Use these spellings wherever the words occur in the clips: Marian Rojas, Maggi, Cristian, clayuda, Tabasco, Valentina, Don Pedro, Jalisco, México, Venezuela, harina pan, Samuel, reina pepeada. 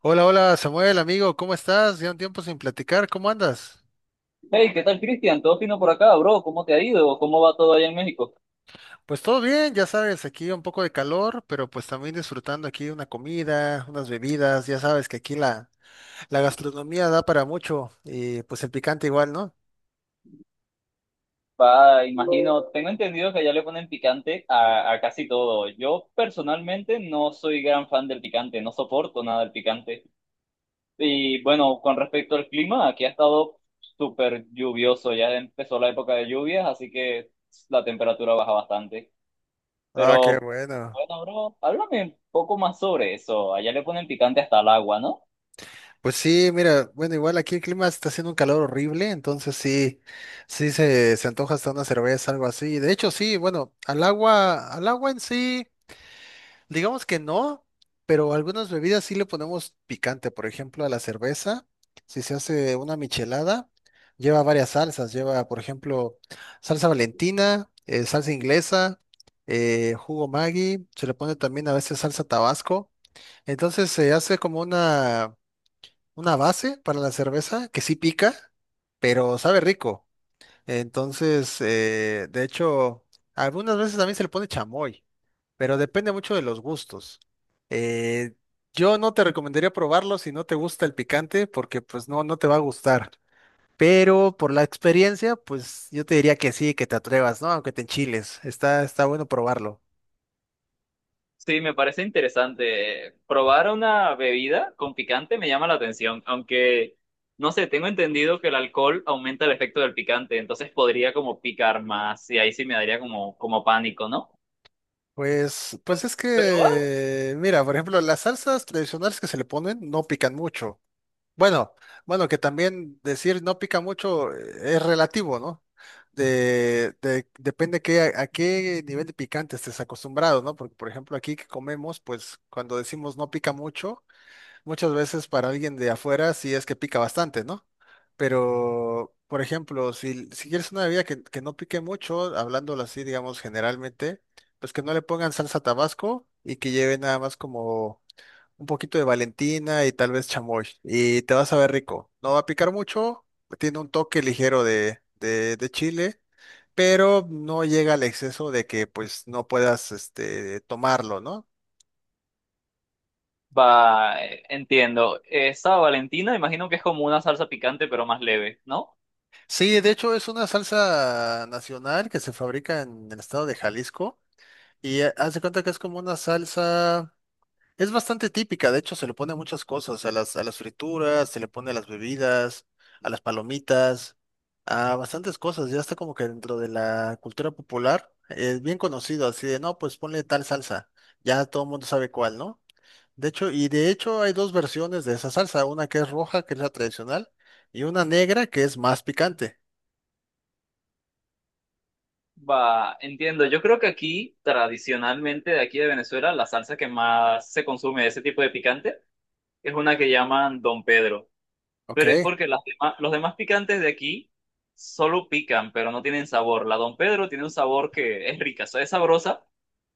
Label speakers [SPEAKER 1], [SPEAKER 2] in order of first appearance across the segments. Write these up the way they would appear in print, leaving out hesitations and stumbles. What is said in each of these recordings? [SPEAKER 1] Hola, hola Samuel, amigo, ¿cómo estás? Ya un tiempo sin platicar, ¿cómo andas?
[SPEAKER 2] Hey, ¿qué tal, Cristian? Todo fino por acá, bro. ¿Cómo te ha ido? ¿Cómo va todo allá en México?
[SPEAKER 1] Pues todo bien, ya sabes, aquí un poco de calor, pero pues también disfrutando aquí una comida, unas bebidas, ya sabes que aquí la gastronomía da para mucho y pues el picante igual, ¿no?
[SPEAKER 2] Va, imagino, tengo entendido que allá le ponen picante a casi todo. Yo personalmente no soy gran fan del picante, no soporto nada del picante. Y bueno, con respecto al clima, aquí ha estado súper lluvioso. Ya empezó la época de lluvias, así que la temperatura baja bastante.
[SPEAKER 1] Ah, qué
[SPEAKER 2] Pero
[SPEAKER 1] bueno.
[SPEAKER 2] bueno, bro, háblame un poco más sobre eso. Allá le ponen picante hasta el agua, ¿no?
[SPEAKER 1] Pues sí, mira, bueno, igual aquí el clima está haciendo un calor horrible, entonces sí, se antoja hasta una cerveza, algo así. De hecho, sí, bueno, al agua en sí. Digamos que no, pero algunas bebidas sí le ponemos picante. Por ejemplo, a la cerveza, si se hace una michelada, lleva varias salsas. Lleva, por ejemplo, salsa Valentina, salsa inglesa, jugo Maggi. Se le pone también a veces salsa Tabasco. Entonces se hace como una base para la cerveza que sí pica, pero sabe rico. Entonces, de hecho, algunas veces también se le pone chamoy, pero depende mucho de los gustos. Eh, yo no te recomendaría probarlo si no te gusta el picante, porque pues no, no te va a gustar. Pero por la experiencia, pues yo te diría que sí, que te atrevas, ¿no? Aunque te enchiles, está bueno probarlo.
[SPEAKER 2] Sí, me parece interesante. Probar una bebida con picante me llama la atención, aunque no sé, tengo entendido que el alcohol aumenta el efecto del picante, entonces podría como picar más y ahí sí me daría como, como pánico, ¿no?
[SPEAKER 1] Pues, pues es
[SPEAKER 2] Pero va,
[SPEAKER 1] que, mira, por ejemplo, las salsas tradicionales que se le ponen no pican mucho. Bueno, bueno, que también decir no pica mucho, es relativo, ¿no? Depende qué, a qué nivel de picante estés acostumbrado, ¿no? Porque, por ejemplo, aquí que comemos, pues cuando decimos no pica mucho, muchas veces para alguien de afuera sí es que pica bastante, ¿no? Pero, por ejemplo, si quieres una bebida que no pique mucho, hablándolo así, digamos, generalmente, pues que no le pongan salsa Tabasco y que lleve nada más como un poquito de Valentina y tal vez chamoy. Y te vas a ver rico. No va a picar mucho, tiene un toque ligero de chile, pero no llega al exceso de que pues no puedas este, tomarlo, ¿no?
[SPEAKER 2] entiendo. Esa Valentina, imagino que es como una salsa picante, pero más leve, ¿no?
[SPEAKER 1] Sí, de hecho es una salsa nacional que se fabrica en el estado de Jalisco y haz de cuenta que es como una salsa. Es bastante típica, de hecho se le pone a muchas cosas, a las frituras, se le pone a las bebidas, a las palomitas, a bastantes cosas, ya está como que dentro de la cultura popular, es bien conocido, así de, no, pues ponle tal salsa, ya todo el mundo sabe cuál, ¿no? De hecho, y de hecho hay dos versiones de esa salsa, una que es roja, que es la tradicional, y una negra, que es más picante,
[SPEAKER 2] Va, entiendo. Yo creo que aquí, tradicionalmente, de aquí de Venezuela, la salsa que más se consume de ese tipo de picante es una que llaman Don Pedro.
[SPEAKER 1] ¿ok?
[SPEAKER 2] Pero es porque los demás picantes de aquí solo pican, pero no tienen sabor. La Don Pedro tiene un sabor que es rica, o sea, es sabrosa,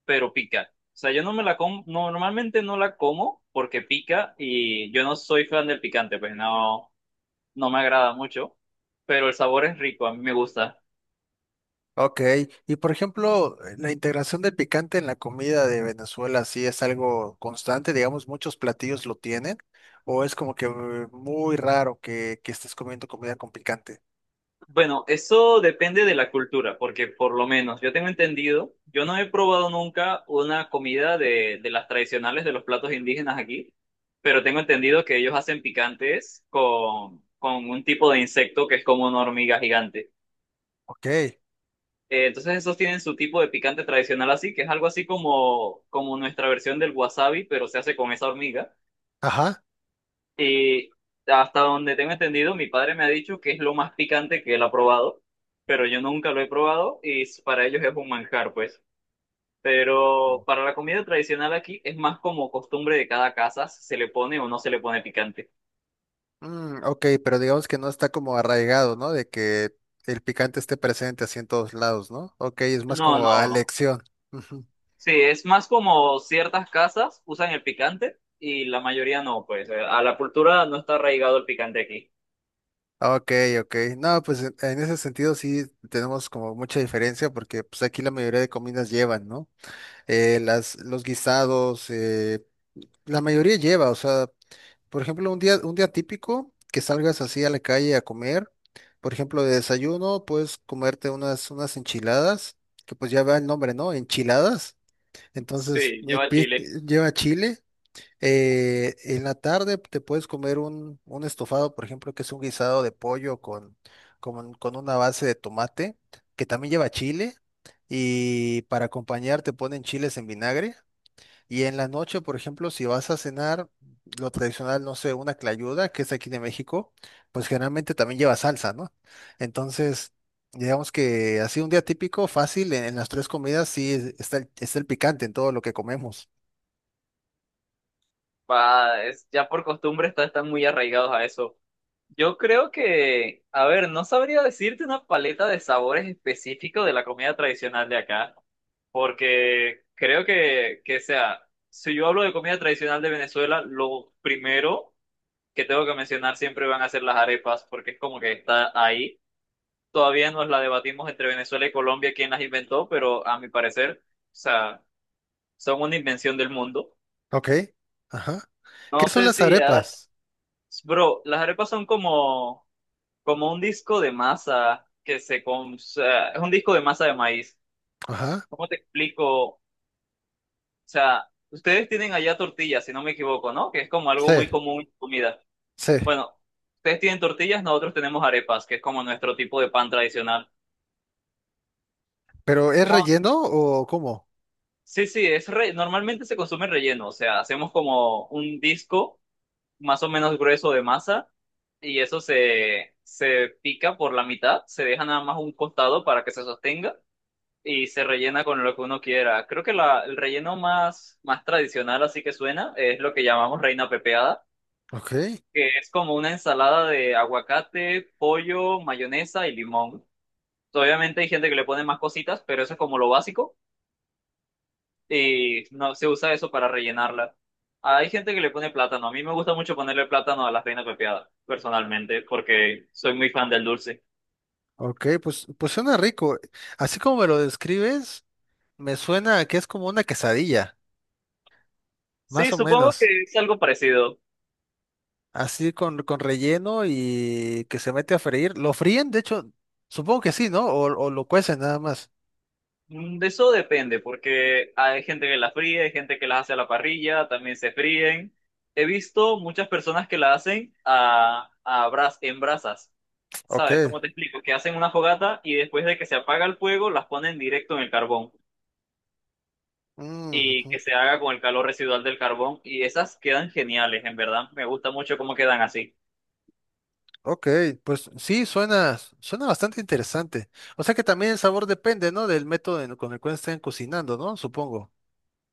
[SPEAKER 2] pero pica. O sea, yo no me la como, normalmente no la como porque pica y yo no soy fan del picante, pues no, no me agrada mucho, pero el sabor es rico, a mí me gusta.
[SPEAKER 1] Ok, y por ejemplo, la integración del picante en la comida de Venezuela, ¿sí es algo constante? Digamos, muchos platillos lo tienen, o es como que muy raro que estés comiendo comida con picante.
[SPEAKER 2] Bueno, eso depende de la cultura, porque por lo menos yo tengo entendido, yo no he probado nunca una comida de las tradicionales de los platos indígenas aquí, pero tengo entendido que ellos hacen picantes con un tipo de insecto que es como una hormiga gigante.
[SPEAKER 1] Ok,
[SPEAKER 2] Entonces esos tienen su tipo de picante tradicional así, que es algo así como, como nuestra versión del wasabi, pero se hace con esa hormiga.
[SPEAKER 1] ajá.
[SPEAKER 2] Y hasta donde tengo entendido, mi padre me ha dicho que es lo más picante que él ha probado, pero yo nunca lo he probado para ellos es un manjar, pues. Pero para la comida tradicional aquí es más como costumbre de cada casa, si se le pone o no se le pone picante.
[SPEAKER 1] Mm, ok, pero digamos que no está como arraigado, ¿no? De que el picante esté presente así en todos lados, ¿no? Ok, es más
[SPEAKER 2] No,
[SPEAKER 1] como a
[SPEAKER 2] no.
[SPEAKER 1] elección. Ujú.
[SPEAKER 2] Sí, es más como ciertas casas usan el picante y la mayoría no, pues. A la cultura no está arraigado el picante aquí.
[SPEAKER 1] Ok, ok. No, pues en ese sentido sí tenemos como mucha diferencia, porque pues aquí la mayoría de comidas llevan, ¿no? Las, los guisados, la mayoría lleva, o sea, por ejemplo, un día típico que salgas así a la calle a comer, por ejemplo, de desayuno, puedes comerte unas enchiladas, que pues ya va el nombre, ¿no? Enchiladas. Entonces,
[SPEAKER 2] Sí, lleva chile.
[SPEAKER 1] lleva chile. En la tarde te puedes comer un estofado, por ejemplo, que es un guisado de pollo con una base de tomate, que también lleva chile. Y para acompañar te ponen chiles en vinagre. Y en la noche, por ejemplo, si vas a cenar, lo tradicional, no sé, una clayuda, que es aquí de México, pues generalmente también lleva salsa, ¿no? Entonces, digamos que así un día típico, fácil, en las tres comidas está está el picante en todo lo que comemos.
[SPEAKER 2] Ya por costumbre están muy arraigados a eso. Yo creo que, a ver, no sabría decirte una paleta de sabores específicos de la comida tradicional de acá, porque creo que sea, si yo hablo de comida tradicional de Venezuela, lo primero que tengo que mencionar siempre van a ser las arepas, porque es como que está ahí. Todavía nos la debatimos entre Venezuela y Colombia quién las inventó, pero a mi parecer, o sea, son una invención del mundo.
[SPEAKER 1] Ok. Ajá. ¿Qué
[SPEAKER 2] No
[SPEAKER 1] son
[SPEAKER 2] sé
[SPEAKER 1] las
[SPEAKER 2] si, has-
[SPEAKER 1] arepas?
[SPEAKER 2] Bro, las arepas son como un disco de masa que se... o sea, es un disco de masa de maíz.
[SPEAKER 1] Ajá.
[SPEAKER 2] ¿Cómo te explico? O sea, ustedes tienen allá tortillas, si no me equivoco, ¿no? Que es como
[SPEAKER 1] Sí,
[SPEAKER 2] algo muy común en comida.
[SPEAKER 1] sí.
[SPEAKER 2] Bueno, ustedes tienen tortillas, nosotros tenemos arepas, que es como nuestro tipo de pan tradicional.
[SPEAKER 1] ¿Pero es
[SPEAKER 2] Como
[SPEAKER 1] relleno o cómo?
[SPEAKER 2] Sí, sí, normalmente se consume relleno, o sea, hacemos como un disco más o menos grueso de masa y eso se pica por la mitad, se deja nada más un costado para que se sostenga y se rellena con lo que uno quiera. Creo que el relleno más tradicional, así que suena, es lo que llamamos reina pepeada,
[SPEAKER 1] Ok,
[SPEAKER 2] que es como una ensalada de aguacate, pollo, mayonesa y limón. Obviamente hay gente que le pone más cositas, pero eso es como lo básico y no se usa eso para rellenarla. Hay gente que le pone plátano. A mí me gusta mucho ponerle plátano a la reina pepeada, personalmente, porque soy muy fan del dulce.
[SPEAKER 1] ok, pues, pues suena rico. Así como me lo describes, me suena a que es como una quesadilla, más
[SPEAKER 2] Sí,
[SPEAKER 1] o
[SPEAKER 2] supongo
[SPEAKER 1] menos.
[SPEAKER 2] que es algo parecido.
[SPEAKER 1] Así con relleno y que se mete a freír. ¿Lo fríen? De hecho, supongo que sí, ¿no? O lo cuecen nada más.
[SPEAKER 2] Mm, de eso depende, porque hay gente que las fríe, hay gente que las hace a la parrilla, también se fríen. He visto muchas personas que la hacen a, en brasas, ¿sabes?
[SPEAKER 1] Ok.
[SPEAKER 2] ¿Cómo te explico? Que hacen una fogata y después de que se apaga el fuego, las ponen directo en el carbón
[SPEAKER 1] Mm,
[SPEAKER 2] y
[SPEAKER 1] ujú.
[SPEAKER 2] que se haga con el calor residual del carbón. Y esas quedan geniales, en verdad. Me gusta mucho cómo quedan así.
[SPEAKER 1] Ok, pues sí, suena, suena bastante interesante. O sea que también el sabor depende, ¿no? Del método con el cual estén cocinando, ¿no? Supongo.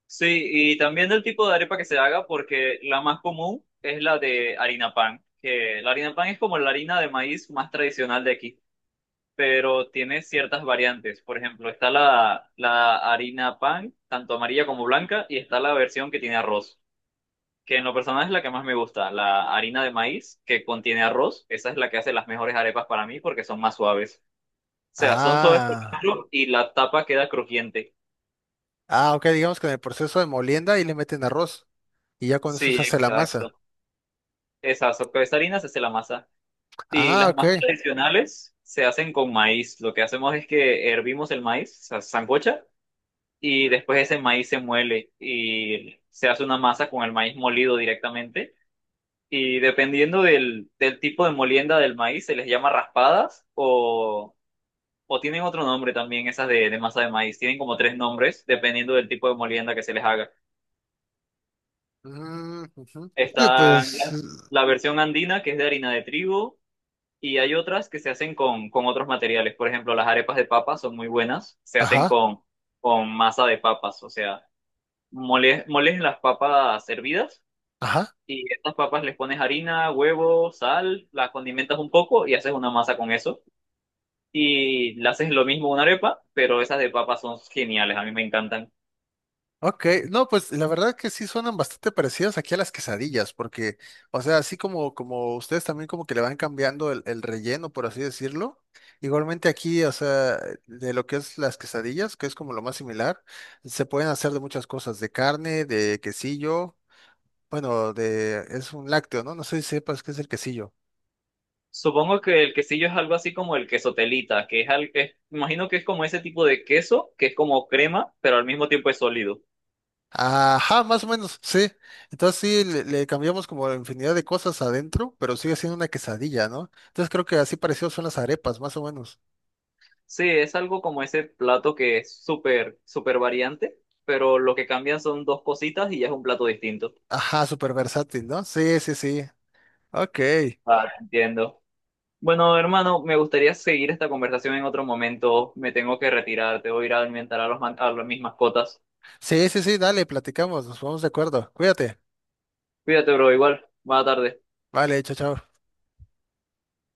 [SPEAKER 2] Sí, y también del tipo de arepa que se haga, porque la más común es la de harina pan, que la harina pan es como la harina de maíz más tradicional de aquí. Pero tiene ciertas variantes. Por ejemplo, está la harina pan, tanto amarilla como blanca, y está la versión que tiene arroz, que en lo personal es la que más me gusta. La harina de maíz que contiene arroz, esa es la que hace las mejores arepas para mí porque son más suaves. O sea, son suaves por
[SPEAKER 1] Ah,
[SPEAKER 2] dentro y la tapa queda crujiente.
[SPEAKER 1] ah, ok, digamos que en el proceso de molienda ahí le meten arroz y ya con eso
[SPEAKER 2] Sí,
[SPEAKER 1] se hace la masa.
[SPEAKER 2] exacto. Con esa harina se hace la masa. Y
[SPEAKER 1] Ah,
[SPEAKER 2] las
[SPEAKER 1] ok.
[SPEAKER 2] más tradicionales se hacen con maíz. Lo que hacemos es que hervimos el maíz, o sea, sancocha, y después ese maíz se muele y se hace una masa con el maíz molido directamente. Y dependiendo del tipo de molienda del maíz, se les llama raspadas o tienen otro nombre también, esas de masa de maíz. Tienen como tres nombres dependiendo del tipo de molienda que se les haga.
[SPEAKER 1] Mm, ujú. Oye,
[SPEAKER 2] Está
[SPEAKER 1] pues,
[SPEAKER 2] la versión andina, que es de harina de trigo, y hay otras que se hacen con otros materiales. Por ejemplo, las arepas de papas son muy buenas, se hacen
[SPEAKER 1] ajá,
[SPEAKER 2] con masa de papas, o sea, moles las papas hervidas.
[SPEAKER 1] ajá.
[SPEAKER 2] Y estas papas les pones harina, huevo, sal, la condimentas un poco y haces una masa con eso. Y le haces lo mismo a una arepa, pero esas de papas son geniales, a mí me encantan.
[SPEAKER 1] Ok, no, pues la verdad que sí suenan bastante parecidas aquí a las quesadillas, porque, o sea, así como, como ustedes también como que le van cambiando el relleno, por así decirlo, igualmente aquí, o sea, de lo que es las quesadillas, que es como lo más similar, se pueden hacer de muchas cosas, de carne, de quesillo, bueno, de, es un lácteo, ¿no? No sé si sepas qué es el quesillo.
[SPEAKER 2] Supongo que el quesillo es algo así como el queso telita, que es, imagino que es como ese tipo de queso, que es como crema, pero al mismo tiempo es sólido.
[SPEAKER 1] Ajá, más o menos, sí. Entonces sí, le cambiamos como infinidad de cosas adentro, pero sigue siendo una quesadilla, ¿no? Entonces creo que así parecido son las arepas, más o menos.
[SPEAKER 2] Sí, es algo como ese plato que es súper, súper variante, pero lo que cambian son dos cositas y ya es un plato distinto.
[SPEAKER 1] Ajá, súper versátil, ¿no? Sí, sí, sí. Ok.
[SPEAKER 2] Ah, entiendo. Bueno, hermano, me gustaría seguir esta conversación en otro momento. Me tengo que retirar, te voy a ir a alimentar a los man- a los- mis mascotas.
[SPEAKER 1] Sí, sí, sí, dale, platicamos, nos vamos de acuerdo. Cuídate.
[SPEAKER 2] Cuídate, bro, igual. Buena tarde.
[SPEAKER 1] Vale, chao, chao.